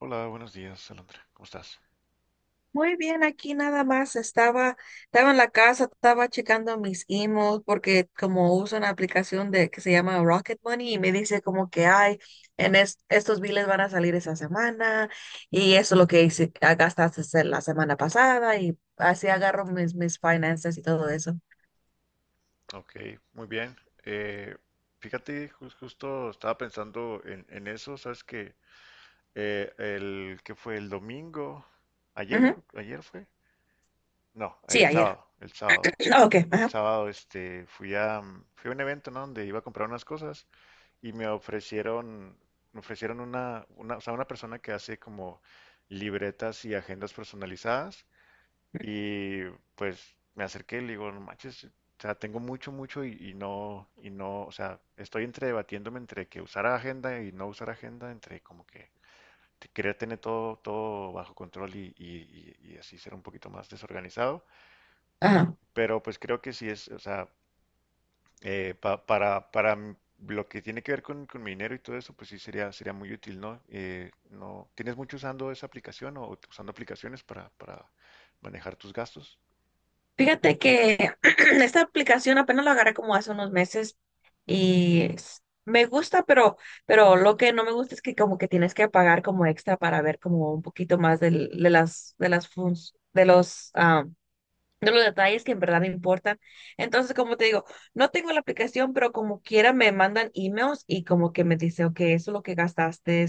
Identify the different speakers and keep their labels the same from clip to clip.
Speaker 1: Hola, buenos días, Alondra. ¿Cómo estás?
Speaker 2: Muy bien, aquí nada más estaba en la casa, estaba checando mis emails porque como uso una aplicación de que se llama Rocket Money y me dice como que ay, estos biles van a salir esa semana y eso es lo que hice, gastaste se- la semana pasada y así agarro mis finanzas y todo eso.
Speaker 1: Ok, muy bien. Eh, Fíjate, justo estaba pensando en eso. ¿Sabes que el que fue el domingo, ayer,
Speaker 2: Ujú.
Speaker 1: ayer fue? No,
Speaker 2: Sí,
Speaker 1: el
Speaker 2: ayer.
Speaker 1: sábado, el sábado.
Speaker 2: Ok,
Speaker 1: El
Speaker 2: ajá,
Speaker 1: sábado este, fui a un evento, ¿no? Donde iba a comprar unas cosas y me ofrecieron o sea, una persona que hace como libretas y agendas personalizadas. Y pues me acerqué y le digo, no manches, o sea, tengo mucho, mucho y no, o sea, estoy entre debatiéndome entre que usar agenda y no usar agenda, entre como que querer tener todo, todo bajo control y, y así ser un poquito más desorganizado.
Speaker 2: ajá.
Speaker 1: Pero pues creo que sí es, o sea, para lo que tiene que ver con mi dinero y todo eso, pues sí sería, sería muy útil, ¿no? No, ¿tienes mucho usando esa aplicación o usando aplicaciones para manejar tus gastos?
Speaker 2: Fíjate que esta aplicación apenas la agarré como hace unos meses me gusta, pero lo que no me gusta es que como que tienes que pagar como extra para ver como un poquito más las de las de los detalles que en verdad me importan. Entonces, como te digo, no tengo la aplicación, pero como quiera me mandan emails y como que me dice, ok, eso es lo que gastaste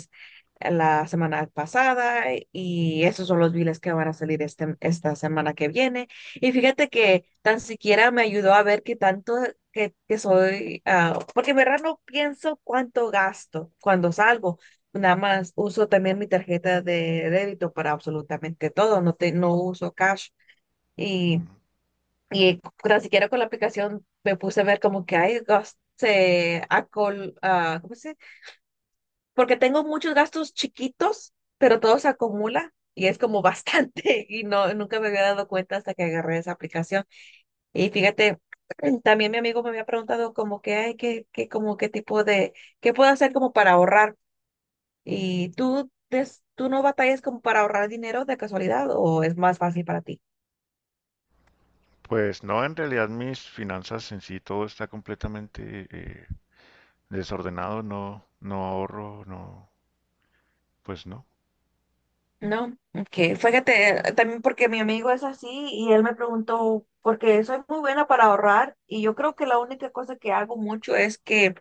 Speaker 2: la semana pasada y esos son los biles que van a esta semana que viene. Y fíjate que tan siquiera me ayudó a ver qué tanto que soy, porque en verdad no pienso cuánto gasto cuando salgo. Nada más uso también mi tarjeta de débito para absolutamente todo, no uso cash. Y y tan siquiera con la aplicación me puse a ver como que hay gastos, ¿cómo se dice? Porque tengo muchos gastos chiquitos, pero todo se acumula y es como bastante y no, nunca me había dado cuenta hasta que agarré esa aplicación. Y fíjate, también mi amigo me había preguntado como que, ay, qué tipo de, qué puedo hacer como para ahorrar. ¿Y tú, des- tú no batallas como para ahorrar dinero de casualidad o es más fácil para ti?
Speaker 1: Pues no, en realidad mis finanzas en sí todo está completamente desordenado. No, no ahorro, no, pues no.
Speaker 2: No, ok. Fíjate, también porque mi amigo es así y él me preguntó, porque soy muy buena para ahorrar y yo creo que la única cosa que hago mucho es que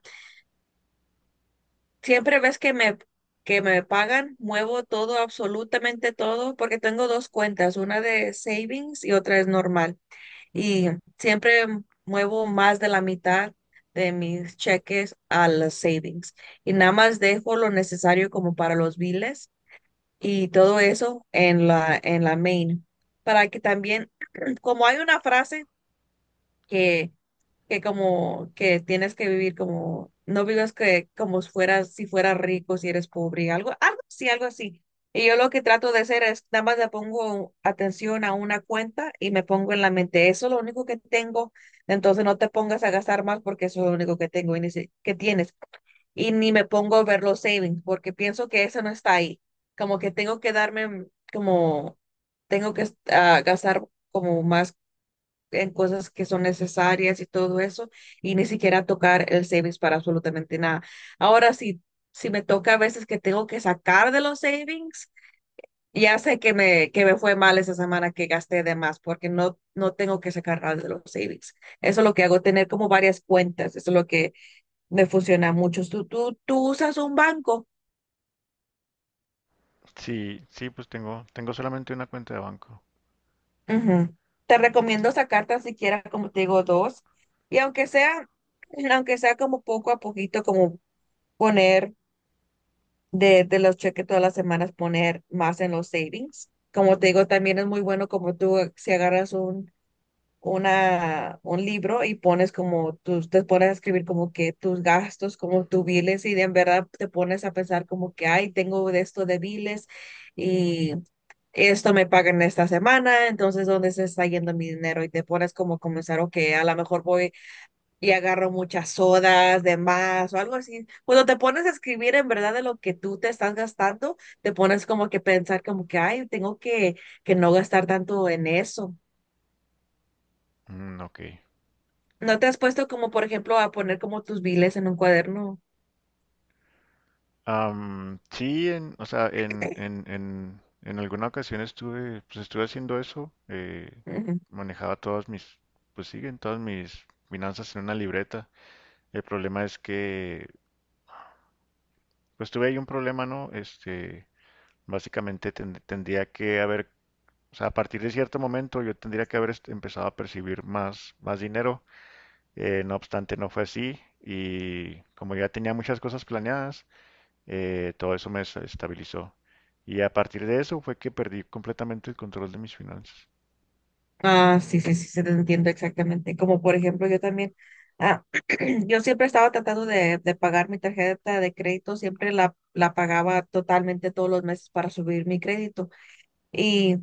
Speaker 2: siempre ves que que me pagan, muevo todo, absolutamente todo, porque tengo dos cuentas, una de savings y otra es normal. Y siempre muevo más de la mitad de mis cheques a las savings y nada más dejo lo necesario como para los biles y todo eso en la main. Para que también, como hay una frase que, que como que tienes que vivir como, no vivas que como si fueras, si fueras rico, si eres pobre, algo así. Y yo lo que trato de hacer es, nada más le pongo atención a una cuenta y me pongo en la mente, eso es lo único que tengo, entonces no te pongas a gastar más porque eso es lo único que tengo y ni si- que tienes y ni me pongo a ver los savings porque pienso que eso no está ahí. Como que tengo que darme, mm, como tengo que gastar como más en cosas que son necesarias y todo eso y ni siquiera tocar el savings para absolutamente nada. Ahora sí, si me toca a veces que tengo que sacar de los savings, ya sé que me fue mal esa semana que gasté de más porque no, no tengo que sacar nada de los savings. Eso es lo que hago, tener como varias cuentas. Eso es lo que me funciona mucho. Tú usas un banco.
Speaker 1: Sí, sí, pues tengo, tengo solamente una cuenta de banco.
Speaker 2: Ujú. Te recomiendo sacar tan siquiera, como te digo, dos. Y aunque sea como poco a poquito, como poner de los cheques todas las semanas, poner más en los savings. Como te digo, también es muy bueno como tú, si agarras un libro y pones como tus, te pones a escribir como que tus gastos, como tus biles y de en verdad te pones a pensar como que, ay, tengo de esto de biles y esto me pagan esta semana, entonces ¿dónde se está yendo mi dinero? Y te pones como a comenzar, ok, a lo mejor voy y agarro muchas sodas de más o algo así. Cuando te pones a escribir en verdad de lo que tú te estás gastando, te pones como que pensar como que, ay, que no gastar tanto en eso.
Speaker 1: Mm, ok.
Speaker 2: ¿No te has puesto como, por ejemplo, a poner como tus biles en un cuaderno?
Speaker 1: Sí, en, o sea, en alguna ocasión estuve, pues estuve haciendo eso. Eh,
Speaker 2: Ujú.
Speaker 1: manejaba todas mis, pues siguen todas mis finanzas en una libreta. El problema es que, pues tuve ahí un problema, ¿no? Este, básicamente tendría que haber. O sea, a partir de cierto momento yo tendría que haber empezado a percibir más, más dinero. No obstante, no fue así. Y como ya tenía muchas cosas planeadas, todo eso me estabilizó. Y a partir de eso fue que perdí completamente el control de mis finanzas.
Speaker 2: Ah, sí, se te entiendo exactamente. Como, por ejemplo, yo también, ah, yo siempre estaba tratando de pagar mi tarjeta de crédito, siempre la pagaba totalmente todos los meses para subir mi crédito. Y,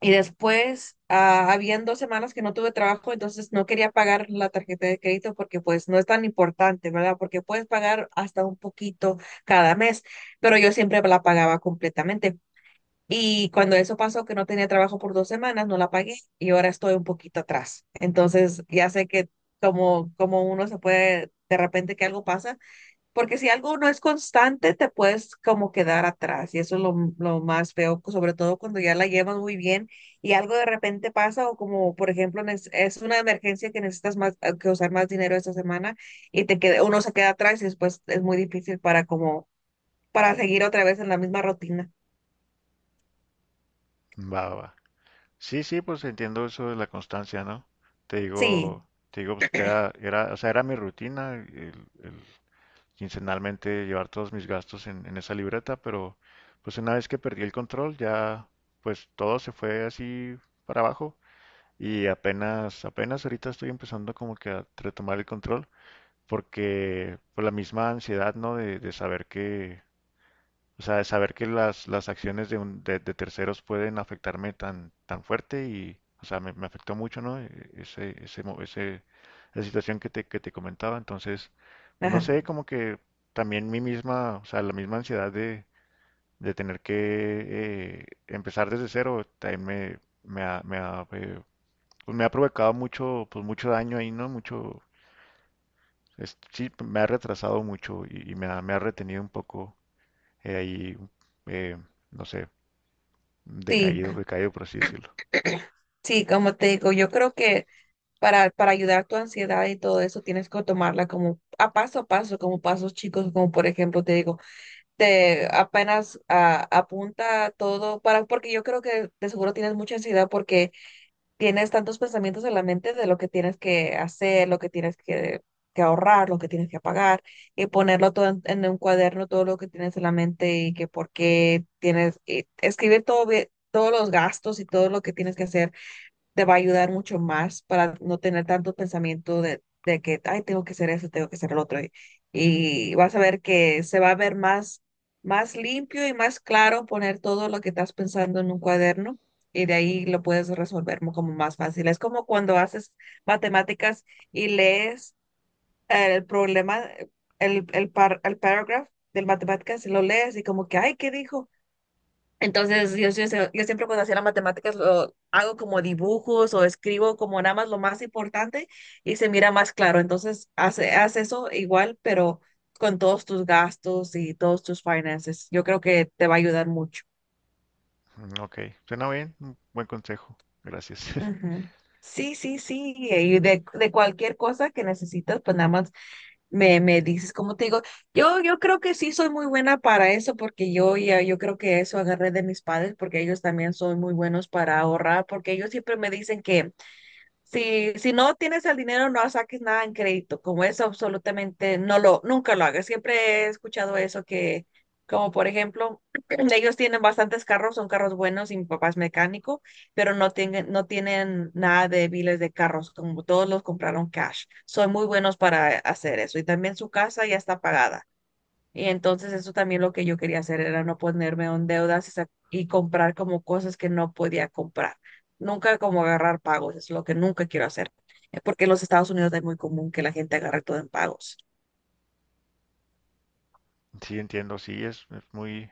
Speaker 2: y después, habían dos semanas que no tuve trabajo, entonces no quería pagar la tarjeta de crédito porque pues no es tan importante, ¿verdad? Porque puedes pagar hasta un poquito cada mes, pero yo siempre la pagaba completamente. Y cuando eso pasó, que no tenía trabajo por dos semanas, no la pagué y ahora estoy un poquito atrás. Entonces, ya sé que como uno se puede, de repente que algo pasa, porque si algo no es constante, te puedes como quedar atrás y eso es lo más feo, sobre todo cuando ya la llevas muy bien y algo de repente pasa o como, por ejemplo, es una emergencia que necesitas más, que usar más dinero esta semana y te queda, uno se queda atrás y después es muy difícil para como, para seguir otra vez en la misma rutina.
Speaker 1: Va, va, va. Sí, sí, pues entiendo eso de la constancia, ¿no? Te
Speaker 2: Sí,
Speaker 1: digo, te digo, pues, era, era, o sea, era mi rutina, el quincenalmente llevar todos mis gastos en esa libreta, pero pues una vez que perdí el control ya, pues todo se fue así para abajo, y apenas, apenas ahorita estoy empezando como que a retomar el control, porque por la misma ansiedad, ¿no? De saber que, o sea, saber que las acciones de terceros pueden afectarme tan, tan fuerte y, o sea, me afectó mucho, ¿no? Esa situación que te comentaba. Entonces, pues no
Speaker 2: ajá.
Speaker 1: sé, como que también mi misma, o sea, la misma ansiedad de tener que empezar desde cero, también me ha, pues me ha provocado mucho, pues mucho daño ahí, ¿no? Mucho, sí, me ha retrasado mucho y me ha retenido un poco, eh, ahí, eh, no sé.
Speaker 2: Sí,
Speaker 1: Decaído, decaído por así decirlo.
Speaker 2: sí, como te digo, yo creo que para ayudar a tu ansiedad y todo eso tienes que tomarla como a paso, como pasos chicos, como por ejemplo te digo, te apenas apunta todo para, porque yo creo que de seguro tienes mucha ansiedad porque tienes tantos pensamientos en la mente de lo que tienes que hacer, lo que que ahorrar, lo que tienes que pagar y ponerlo todo en un cuaderno, todo lo que tienes en la mente y que por qué tienes, y escribir todo bien, todos los gastos y todo lo que tienes que hacer te va a ayudar mucho más para no tener tanto pensamiento de que, ay, tengo que hacer eso, tengo que hacer el otro. Y vas a ver que se va a ver más limpio y más claro poner todo lo que estás pensando en un cuaderno y de ahí lo puedes resolver como más fácil. Es como cuando haces matemáticas y lees el problema, el paragraph del matemáticas y lo lees y como que, ay, ¿qué dijo? Entonces, yo siempre cuando hacía las matemáticas lo hago como dibujos o escribo como nada más lo más importante y se mira más claro. Entonces, haz eso igual, pero con todos tus gastos y todos tus finances. Yo creo que te va a ayudar mucho.
Speaker 1: Mm, ok, suena bien, un buen consejo, gracias.
Speaker 2: Ujú. Sí, sí, sí. Y de cualquier cosa que necesitas, pues nada más me dices, como te digo, yo creo que sí soy muy buena para eso porque yo creo que eso agarré de mis padres porque ellos también son muy buenos para ahorrar porque ellos siempre me dicen que si no tienes el dinero, no saques nada en crédito, como eso absolutamente nunca lo hagas. Siempre he escuchado eso como por ejemplo, ellos tienen bastantes carros, son carros buenos y mi papá es mecánico, pero no tienen nada de biles de carros, como todos los compraron cash. Son muy buenos para hacer eso. Y también su casa ya está pagada. Y entonces eso también lo que yo quería hacer era no ponerme en deudas y comprar como cosas que no podía comprar. Nunca como agarrar pagos, es lo que nunca quiero hacer. Porque en los Estados Unidos es muy común que la gente agarre todo en pagos.
Speaker 1: Sí, entiendo, sí, es muy,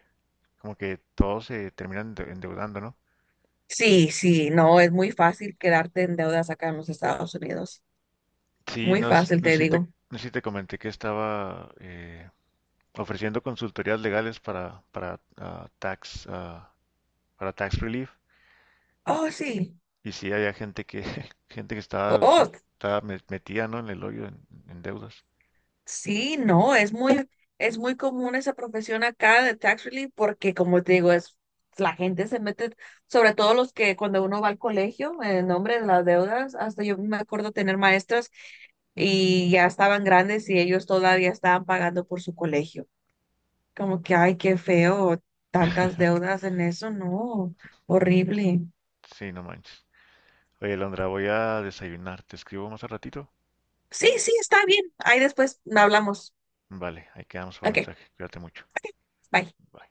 Speaker 1: como que todos se terminan endeudando, ¿no?
Speaker 2: Sí, sí, no, es muy fácil quedarte en deudas acá en los Estados Unidos.
Speaker 1: Sí,
Speaker 2: Muy
Speaker 1: no,
Speaker 2: fácil,
Speaker 1: no
Speaker 2: te
Speaker 1: sé si te,
Speaker 2: digo.
Speaker 1: no sé si te comenté que estaba ofreciendo consultorías legales para, para tax relief,
Speaker 2: Oh, sí.
Speaker 1: y sí había gente que, gente que estaba,
Speaker 2: Oh,
Speaker 1: metida, ¿no? En el hoyo en deudas.
Speaker 2: sí, no, es muy común esa profesión acá de tax relief porque como te digo, es la gente se mete, sobre todo los que cuando uno va al colegio en nombre de las deudas, hasta yo me acuerdo tener maestras y ya estaban grandes y ellos todavía estaban pagando por su colegio. Como que, ay, qué feo, tantas deudas en eso, no, horrible.
Speaker 1: Sí, no manches. Oye, Londra, voy a desayunar, ¿te escribo más al ratito?
Speaker 2: Sí, sí, está bien. Ahí después hablamos.
Speaker 1: Vale, ahí quedamos por
Speaker 2: Ok,
Speaker 1: mensaje. Cuídate mucho.
Speaker 2: bye.
Speaker 1: Bye.